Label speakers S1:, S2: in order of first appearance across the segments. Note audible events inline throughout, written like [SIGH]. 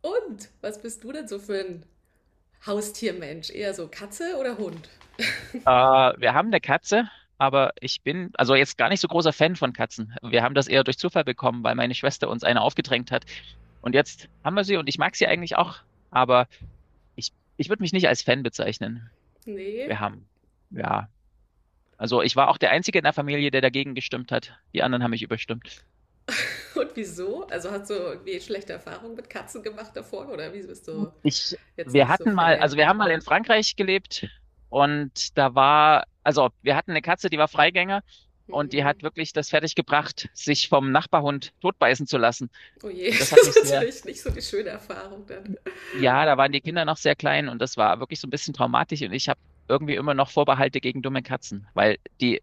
S1: Und was bist du denn so für ein Haustiermensch? Eher so Katze oder Hund?
S2: Wir haben eine Katze, aber ich bin also jetzt gar nicht so großer Fan von Katzen. Wir haben das eher durch Zufall bekommen, weil meine Schwester uns eine aufgedrängt hat. Und jetzt haben wir sie und ich mag sie eigentlich auch, aber ich würde mich nicht als Fan bezeichnen.
S1: Nee.
S2: Wir haben, ja, also ich war auch der Einzige in der Familie, der dagegen gestimmt hat. Die anderen haben mich überstimmt.
S1: Und wieso? Also hast du irgendwie schlechte Erfahrungen mit Katzen gemacht davor oder wieso bist du
S2: Ich,
S1: jetzt
S2: wir
S1: nicht so
S2: hatten mal,
S1: Fan?
S2: also wir haben mal in Frankreich gelebt und da war, also wir hatten eine Katze, die war Freigänger und die
S1: Mhm.
S2: hat wirklich das fertiggebracht, sich vom Nachbarhund totbeißen zu lassen.
S1: Oh je, [LAUGHS]
S2: Und das
S1: das
S2: hat
S1: ist
S2: mich sehr,
S1: natürlich nicht so die schöne Erfahrung dann.
S2: ja, da waren die Kinder noch sehr klein und das war wirklich so ein bisschen traumatisch und ich habe irgendwie immer noch Vorbehalte gegen dumme Katzen, weil die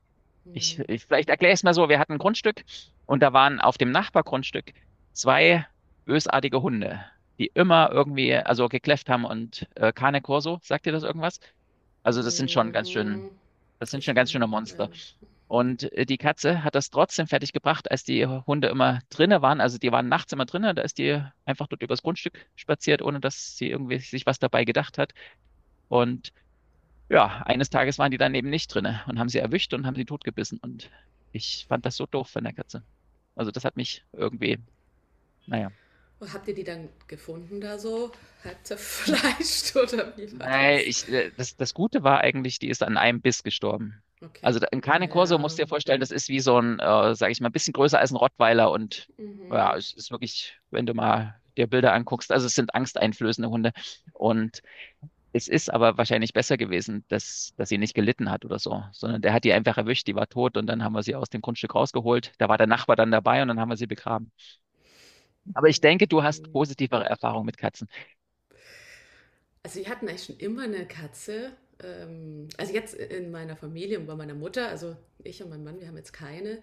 S2: ich,
S1: Mhm.
S2: ich vielleicht erkläre es mal so. Wir hatten ein Grundstück und da waren auf dem Nachbargrundstück zwei bösartige Hunde, die immer irgendwie, also gekläfft haben und Cane Corso, sagt dir das irgendwas? Also
S1: Mhm.
S2: das
S1: Habe
S2: sind
S1: ich
S2: schon
S1: mal
S2: ganz schöne
S1: gehört.
S2: Monster. Und die Katze hat das trotzdem fertig gebracht, als die Hunde immer drinne waren. Also die waren nachts immer drinne, da ist die einfach dort übers Grundstück spaziert, ohne dass sie irgendwie sich was dabei gedacht hat. Und ja, eines Tages waren die dann eben nicht drinne und haben sie erwischt und haben sie totgebissen. Und ich fand das so doof von der Katze. Also das hat mich irgendwie, naja.
S1: Und habt ihr die dann gefunden da so? Halb zerfleischt [LAUGHS] oder wie war
S2: Nein,
S1: das?
S2: das Gute war eigentlich, die ist an einem Biss gestorben.
S1: Okay.
S2: Also ein Cane Corso
S1: Naja.
S2: musst du dir vorstellen, das ist wie so sag ich mal, ein bisschen größer als ein Rottweiler und ja,
S1: Mhm.
S2: es ist wirklich, wenn du mal dir Bilder anguckst, also es sind angsteinflößende Hunde. Und es ist aber wahrscheinlich besser gewesen, dass sie nicht gelitten hat oder so, sondern der hat die einfach erwischt, die war tot und dann haben wir sie aus dem Grundstück rausgeholt. Da war der Nachbar dann dabei und dann haben wir sie begraben. Aber ich denke, du hast positivere Erfahrungen mit Katzen.
S1: Also wir hatten eigentlich schon immer eine Katze. Also jetzt in meiner Familie und bei meiner Mutter, also ich und mein Mann, wir haben jetzt keine,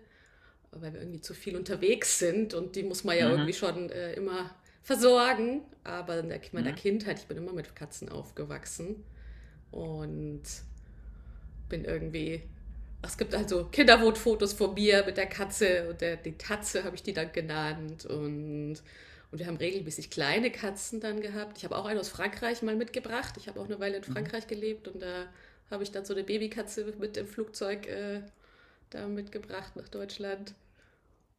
S1: weil wir irgendwie zu viel unterwegs sind und die muss man ja
S2: Mhm.
S1: irgendwie schon immer versorgen. Aber in meiner
S2: Mhm.
S1: Kindheit, ich bin immer mit Katzen aufgewachsen und bin irgendwie. Es gibt also Kinderwotfotos von mir mit der Katze und der, die Tatze habe ich die dann genannt. Und wir haben regelmäßig kleine Katzen dann gehabt. Ich habe auch eine aus Frankreich mal mitgebracht. Ich habe auch eine Weile in
S2: Mhm.
S1: Frankreich gelebt und da habe ich dann so eine Babykatze mit im Flugzeug da mitgebracht nach Deutschland.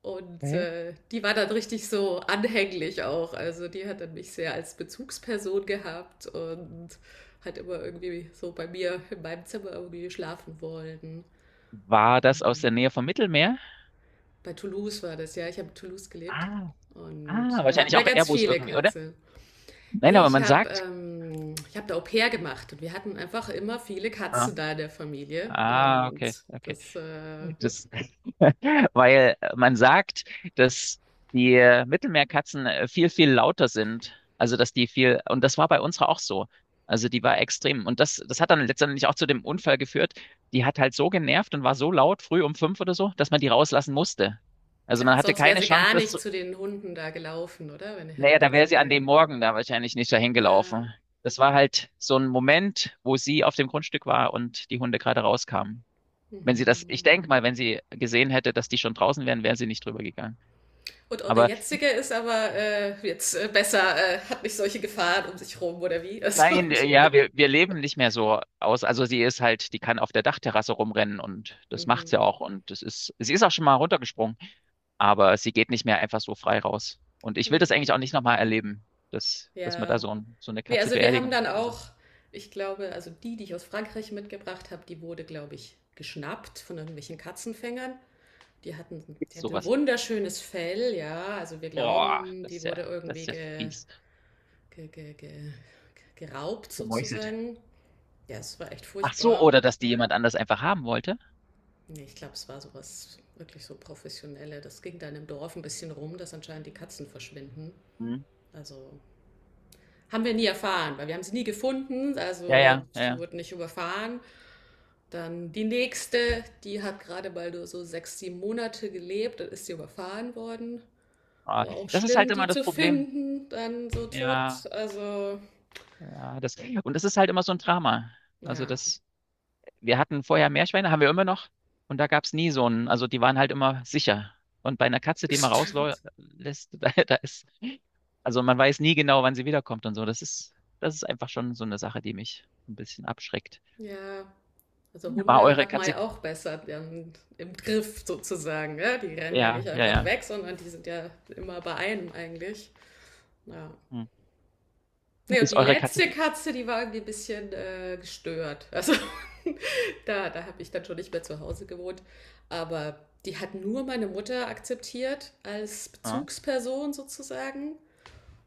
S1: Und
S2: Okay.
S1: die war dann richtig so anhänglich auch. Also die hat dann mich sehr als Bezugsperson gehabt und hat immer irgendwie so bei mir in meinem Zimmer irgendwie schlafen wollen.
S2: War das aus der Nähe vom Mittelmeer?
S1: Bei Toulouse war das, ja. Ich habe in Toulouse gelebt.
S2: Ah,
S1: Und
S2: ah,
S1: da hatten
S2: wahrscheinlich
S1: wir
S2: auch
S1: ganz
S2: Airbus
S1: viele
S2: irgendwie, oder?
S1: Katzen.
S2: Nein,
S1: Nee,
S2: aber
S1: ich
S2: man
S1: habe
S2: sagt.
S1: ich hab da Au pair gemacht und wir hatten einfach immer viele
S2: Ah,
S1: Katzen da in der Familie.
S2: ah,
S1: Und
S2: okay, okay.
S1: das,
S2: Das, Weil man sagt, dass die Mittelmeerkatzen viel, viel lauter sind. Also, dass die viel, und das war bei unserer auch so. Also, die war extrem. Und das hat dann letztendlich auch zu dem Unfall geführt. Die hat halt so genervt und war so laut, früh um 5 oder so, dass man die rauslassen musste. Also,
S1: ja,
S2: man hatte
S1: sonst wäre
S2: keine
S1: sie
S2: Chance,
S1: gar nicht zu den Hunden da gelaufen, oder? Wenn ihr
S2: naja,
S1: hättet
S2: da
S1: ihr
S2: wäre
S1: sie.
S2: sie an dem Morgen da wahrscheinlich nicht dahin
S1: Ähm,
S2: gelaufen. Das war halt so ein Moment, wo sie auf dem Grundstück war und die Hunde gerade rauskamen. Wenn sie das, ich
S1: mhm.
S2: denke mal, wenn sie gesehen hätte, dass die schon draußen wären, wäre sie nicht drüber gegangen.
S1: Und eure
S2: Aber
S1: jetzige ist aber jetzt besser, hat nicht solche Gefahren um sich rum oder wie? Also,
S2: nein, ja, wir leben nicht mehr so aus. Also sie ist halt, die kann auf der Dachterrasse rumrennen und
S1: [LAUGHS]
S2: das macht
S1: mhm.
S2: sie auch. Und das ist, sie ist auch schon mal runtergesprungen, aber sie geht nicht mehr einfach so frei raus. Und ich will das eigentlich
S1: Okay.
S2: auch nicht nochmal erleben, dass man da
S1: Ja.
S2: so eine
S1: Nee,
S2: Katze
S1: also wir haben
S2: beerdigen
S1: dann
S2: muss und so.
S1: auch, ich glaube, also die, die ich aus Frankreich mitgebracht habe, die wurde, glaube ich, geschnappt von irgendwelchen Katzenfängern. Die hatten, die
S2: Gibt's
S1: hat ein
S2: sowas?
S1: wunderschönes Fell, ja. Also wir
S2: Boah,
S1: glauben, die wurde
S2: das
S1: irgendwie
S2: ist ja fies.
S1: ge, ge, ge, geraubt
S2: Gemeuchelt.
S1: sozusagen. Ja, es war echt
S2: Ach so,
S1: furchtbar.
S2: oder dass die jemand anders einfach haben wollte.
S1: Nee, ich glaube, es war sowas wirklich so professionelle. Das ging dann im Dorf ein bisschen rum, dass anscheinend die Katzen verschwinden.
S2: Hm.
S1: Also haben wir nie erfahren, weil wir haben sie nie gefunden,
S2: Ja,
S1: also
S2: ja, ja.
S1: sie
S2: Ja.
S1: wurden nicht überfahren. Dann die nächste, die hat gerade mal nur so sechs, sieben Monate gelebt, dann ist sie überfahren worden.
S2: Ah,
S1: War auch
S2: das ist halt
S1: schlimm,
S2: immer
S1: die
S2: das
S1: zu
S2: Problem.
S1: finden, dann so
S2: Ja,
S1: tot. Also
S2: ja, und das ist halt immer so ein Drama. Also
S1: ja,
S2: das wir hatten vorher Meerschweine, haben wir immer noch. Und da gab es nie so einen, also die waren halt immer sicher. Und bei einer Katze,
S1: [LAUGHS]
S2: die man
S1: stimmt.
S2: rauslässt, [LAUGHS] da ist, also man weiß nie genau, wann sie wiederkommt und so. Das ist einfach schon so eine Sache, die mich ein bisschen abschreckt.
S1: Ja, also
S2: War
S1: Hunde
S2: eure
S1: hat man
S2: Katze,
S1: ja auch besser dann im Griff sozusagen. Ja? Die rennen ja nicht
S2: ja, ja,
S1: einfach
S2: ja.
S1: weg, sondern die sind ja immer bei einem eigentlich. Ja.
S2: Hm.
S1: Nee, und
S2: Ist
S1: die
S2: eure Katze,
S1: letzte Katze, die war irgendwie ein bisschen gestört. Also [LAUGHS] da, da habe ich dann schon nicht mehr zu Hause gewohnt. Aber die hat nur meine Mutter akzeptiert als
S2: ja,
S1: Bezugsperson sozusagen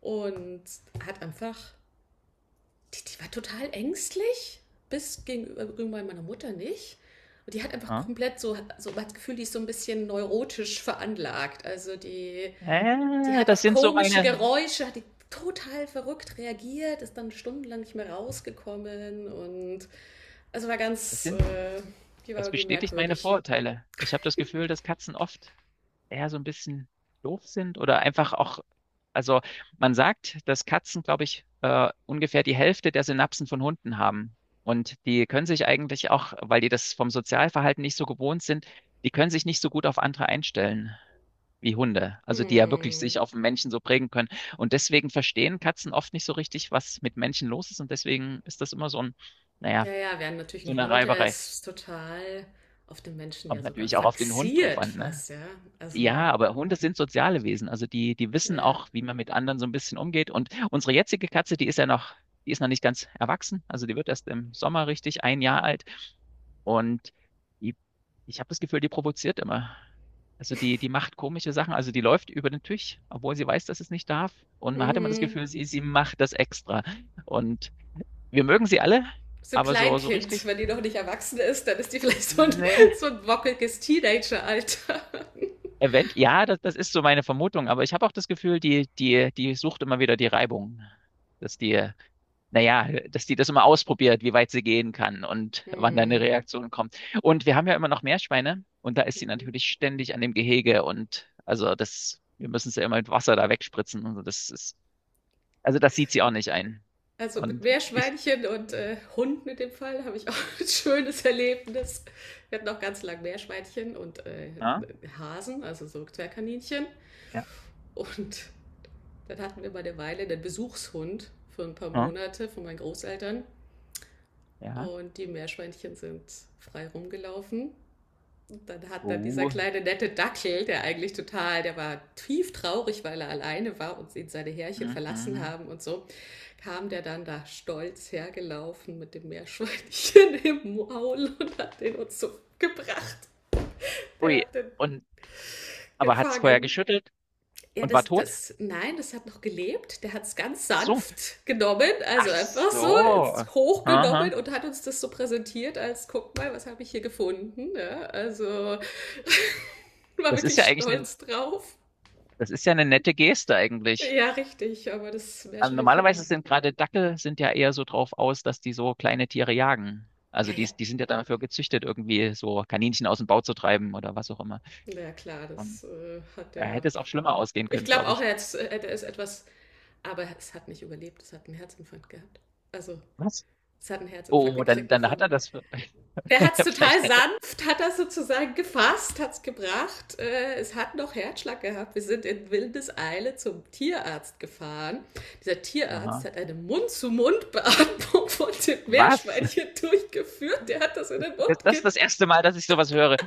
S1: und hat einfach die, die war total ängstlich, bis gegenüber meiner Mutter nicht. Und die hat einfach
S2: ja.
S1: komplett so, so das Gefühl, die ist so ein bisschen neurotisch veranlagt. Also die, die
S2: Äh,
S1: hat
S2: das
S1: auf
S2: sind so
S1: komische
S2: meine,
S1: Geräusche, hat die total verrückt reagiert, ist dann stundenlang nicht mehr rausgekommen und also war
S2: das
S1: ganz,
S2: sind
S1: die war
S2: Das
S1: irgendwie
S2: bestätigt meine
S1: merkwürdig.
S2: Vorurteile. Ich habe das Gefühl, dass Katzen oft eher so ein bisschen doof sind oder einfach auch, also man sagt, dass Katzen, glaube ich, ungefähr die Hälfte der Synapsen von Hunden haben. Und die können sich eigentlich auch, weil die das vom Sozialverhalten nicht so gewohnt sind, die können sich nicht so gut auf andere einstellen wie Hunde. Also die ja wirklich
S1: Hm.
S2: sich auf Menschen so prägen können. Und deswegen verstehen Katzen oft nicht so richtig, was mit Menschen los ist. Und deswegen ist das immer naja,
S1: Ja, ja, während natürlich
S2: so
S1: ein
S2: eine
S1: Hund, der
S2: Reiberei.
S1: ist total auf den Menschen ja
S2: Kommt
S1: sogar
S2: natürlich auch auf den Hund drauf
S1: fixiert
S2: an, ne?
S1: fast, ja. Also,
S2: Ja, aber Hunde sind soziale Wesen. Also die wissen
S1: ja.
S2: auch, wie man mit anderen so ein bisschen umgeht. Und unsere jetzige Katze, die ist noch nicht ganz erwachsen. Also die wird erst im Sommer richtig ein Jahr alt. Und die, ich habe das Gefühl, die provoziert immer. Also die macht komische Sachen. Also die läuft über den Tisch, obwohl sie weiß, dass es nicht darf. Und man hat immer das
S1: Mhm.
S2: Gefühl, sie macht das extra. Und wir mögen sie alle,
S1: So ein
S2: aber so, so richtig,
S1: Kleinkind, wenn die noch nicht erwachsen ist, dann ist die vielleicht
S2: nee.
S1: so ein wockeliges Teenager-Alter.
S2: Ja, das ist so meine Vermutung, aber ich habe auch das Gefühl, die sucht immer wieder die Reibung, dass die, naja, dass die das immer ausprobiert, wie weit sie gehen kann und wann da eine
S1: Hm.
S2: Reaktion kommt. Und wir haben ja immer noch Meerschweine und da ist sie
S1: Mhm.
S2: natürlich ständig an dem Gehege und also wir müssen sie immer mit Wasser da wegspritzen und so, also das sieht sie auch nicht ein.
S1: Also mit
S2: Und ich,
S1: Meerschweinchen und Hunden in dem Fall habe ich auch ein schönes Erlebnis. Wir hatten auch ganz lang Meerschweinchen und
S2: ja,
S1: Hasen, also so Zwergkaninchen.
S2: ja,
S1: Und dann hatten wir mal eine Weile einen Besuchshund für ein paar
S2: ja,
S1: Monate von meinen Großeltern.
S2: ja,
S1: Und die Meerschweinchen sind frei rumgelaufen. Und dann hat dann dieser
S2: oh,
S1: kleine nette Dackel, der eigentlich total, der war tief traurig, weil er alleine war und ihn seine Härchen verlassen
S2: mhm.
S1: haben und so, kam der dann da stolz hergelaufen mit dem Meerschweinchen [LAUGHS] im Maul und hat den uns so gebracht. Der
S2: Ui,
S1: hat den
S2: und, aber hat's vorher
S1: gefangen.
S2: geschüttelt
S1: Ja,
S2: und war
S1: das,
S2: tot?
S1: das, nein, das hat noch gelebt. Der hat es ganz
S2: Ach so.
S1: sanft genommen, also
S2: Ach
S1: einfach so ins-
S2: so.
S1: hochgenommen
S2: Aha.
S1: und hat uns das so präsentiert, als guck mal, was habe ich hier gefunden. Ja, also war
S2: Das ist
S1: wirklich
S2: ja eigentlich eine,
S1: stolz drauf.
S2: das ist ja eine nette Geste eigentlich.
S1: Ja, richtig, aber das
S2: Normalerweise
S1: Meerschweinchen.
S2: sind gerade Dackel sind ja eher so drauf aus, dass die so kleine Tiere jagen.
S1: Ja,
S2: Also
S1: ja,
S2: die sind ja dafür gezüchtet, irgendwie so Kaninchen aus dem Bau zu treiben oder was auch immer.
S1: na ja, klar,
S2: Und
S1: das hat
S2: da
S1: er.
S2: hätte es auch schlimmer ausgehen
S1: Ich
S2: können,
S1: glaube
S2: glaube
S1: auch,
S2: ich.
S1: er hätte es etwas. Aber es hat nicht überlebt, es hat einen Herzinfarkt gehabt. Also,
S2: Was?
S1: es hat einen Herzinfarkt
S2: Oh, dann,
S1: gekriegt
S2: dann hat
S1: davon.
S2: er das.
S1: Der hat es
S2: [LAUGHS] Vielleicht
S1: total
S2: hätte.
S1: sanft, hat das sozusagen gefasst, hat es gebracht. Es hat noch Herzschlag gehabt. Wir sind in Wildeseile zum Tierarzt gefahren. Dieser Tierarzt
S2: Aha.
S1: hat eine Mund-zu-Mund-Beatmung [LAUGHS] von dem
S2: Was?
S1: Meerschweinchen durchgeführt. Der hat das in den
S2: Das,
S1: Mund
S2: das ist
S1: genommen.
S2: das erste Mal, dass ich sowas höre.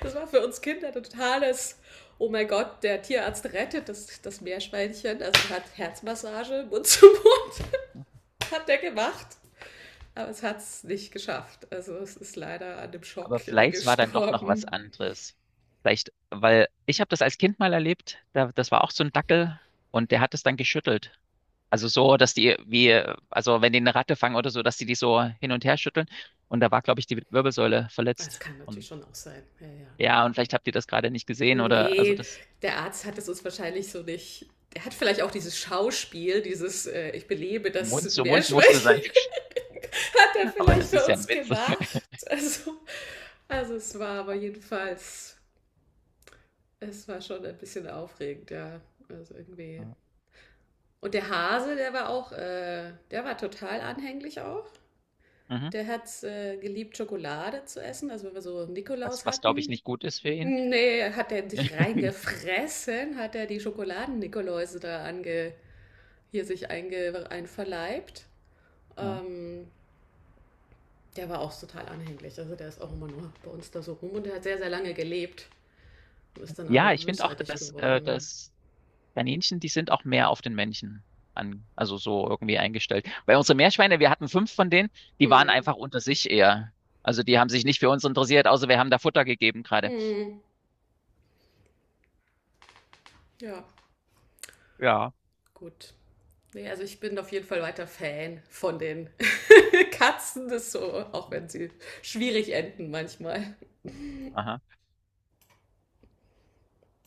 S1: Das war für uns Kinder ein totales, oh mein Gott, der Tierarzt rettet das, das Meerschweinchen. Also hat Herzmassage, Mund zu Mund, hat der gemacht. Aber es hat es nicht geschafft. Also es ist leider an dem
S2: Aber
S1: Schock
S2: vielleicht war dann doch noch was
S1: gestorben.
S2: anderes. Vielleicht, weil ich habe das als Kind mal erlebt, da, das war auch so ein Dackel und der hat es dann geschüttelt. Also so, also wenn die eine Ratte fangen oder so, dass die die so hin und her schütteln. Und da war, glaube ich, die Wirbelsäule
S1: Das
S2: verletzt.
S1: kann natürlich
S2: Und
S1: schon auch sein. Ja, ja.
S2: ja, und vielleicht habt ihr das gerade nicht gesehen oder, also
S1: Nee,
S2: das
S1: der Arzt hat es uns wahrscheinlich so nicht. Er hat vielleicht auch dieses Schauspiel, dieses Ich belebe
S2: Mund
S1: das
S2: zu Mund musste
S1: Meerschweinchen,
S2: sein.
S1: [LAUGHS] hat er
S2: [LAUGHS] Aber
S1: vielleicht
S2: das
S1: für
S2: ist ja
S1: uns
S2: ein Witz. [LAUGHS]
S1: gemacht. Also es war aber jedenfalls, es war schon ein bisschen aufregend, ja. Also irgendwie. Und der Hase, der war auch, der war total anhänglich auch.
S2: Mhm.
S1: Der hat es geliebt, Schokolade zu essen. Also wenn wir so
S2: Was,
S1: Nikolaus
S2: was glaube ich
S1: hatten.
S2: nicht gut ist für ihn.
S1: Nee, hat er sich
S2: [LAUGHS]
S1: reingefressen, hat er die Schokoladen-Nikoläuse da ange, hier sich einge, einverleibt.
S2: Ja,
S1: Ähm, der war auch total anhänglich. Also der ist auch immer nur bei uns da so rum und der hat sehr, sehr lange gelebt und ist dann aber
S2: ja, ich finde auch,
S1: bösartig
S2: dass, äh,
S1: geworden.
S2: dass Kaninchen, die sind auch mehr auf den Männchen an, also so irgendwie eingestellt. Bei unseren Meerschweine, wir hatten fünf von denen, die waren
S1: Hm.
S2: einfach unter sich eher. Also die haben sich nicht für uns interessiert, außer wir haben da Futter gegeben gerade.
S1: Hm. Ja.
S2: Ja.
S1: Gut. Nee, also ich bin auf jeden Fall weiter Fan von den [LAUGHS] Katzen, das so, auch wenn sie schwierig enden manchmal.
S2: Aha.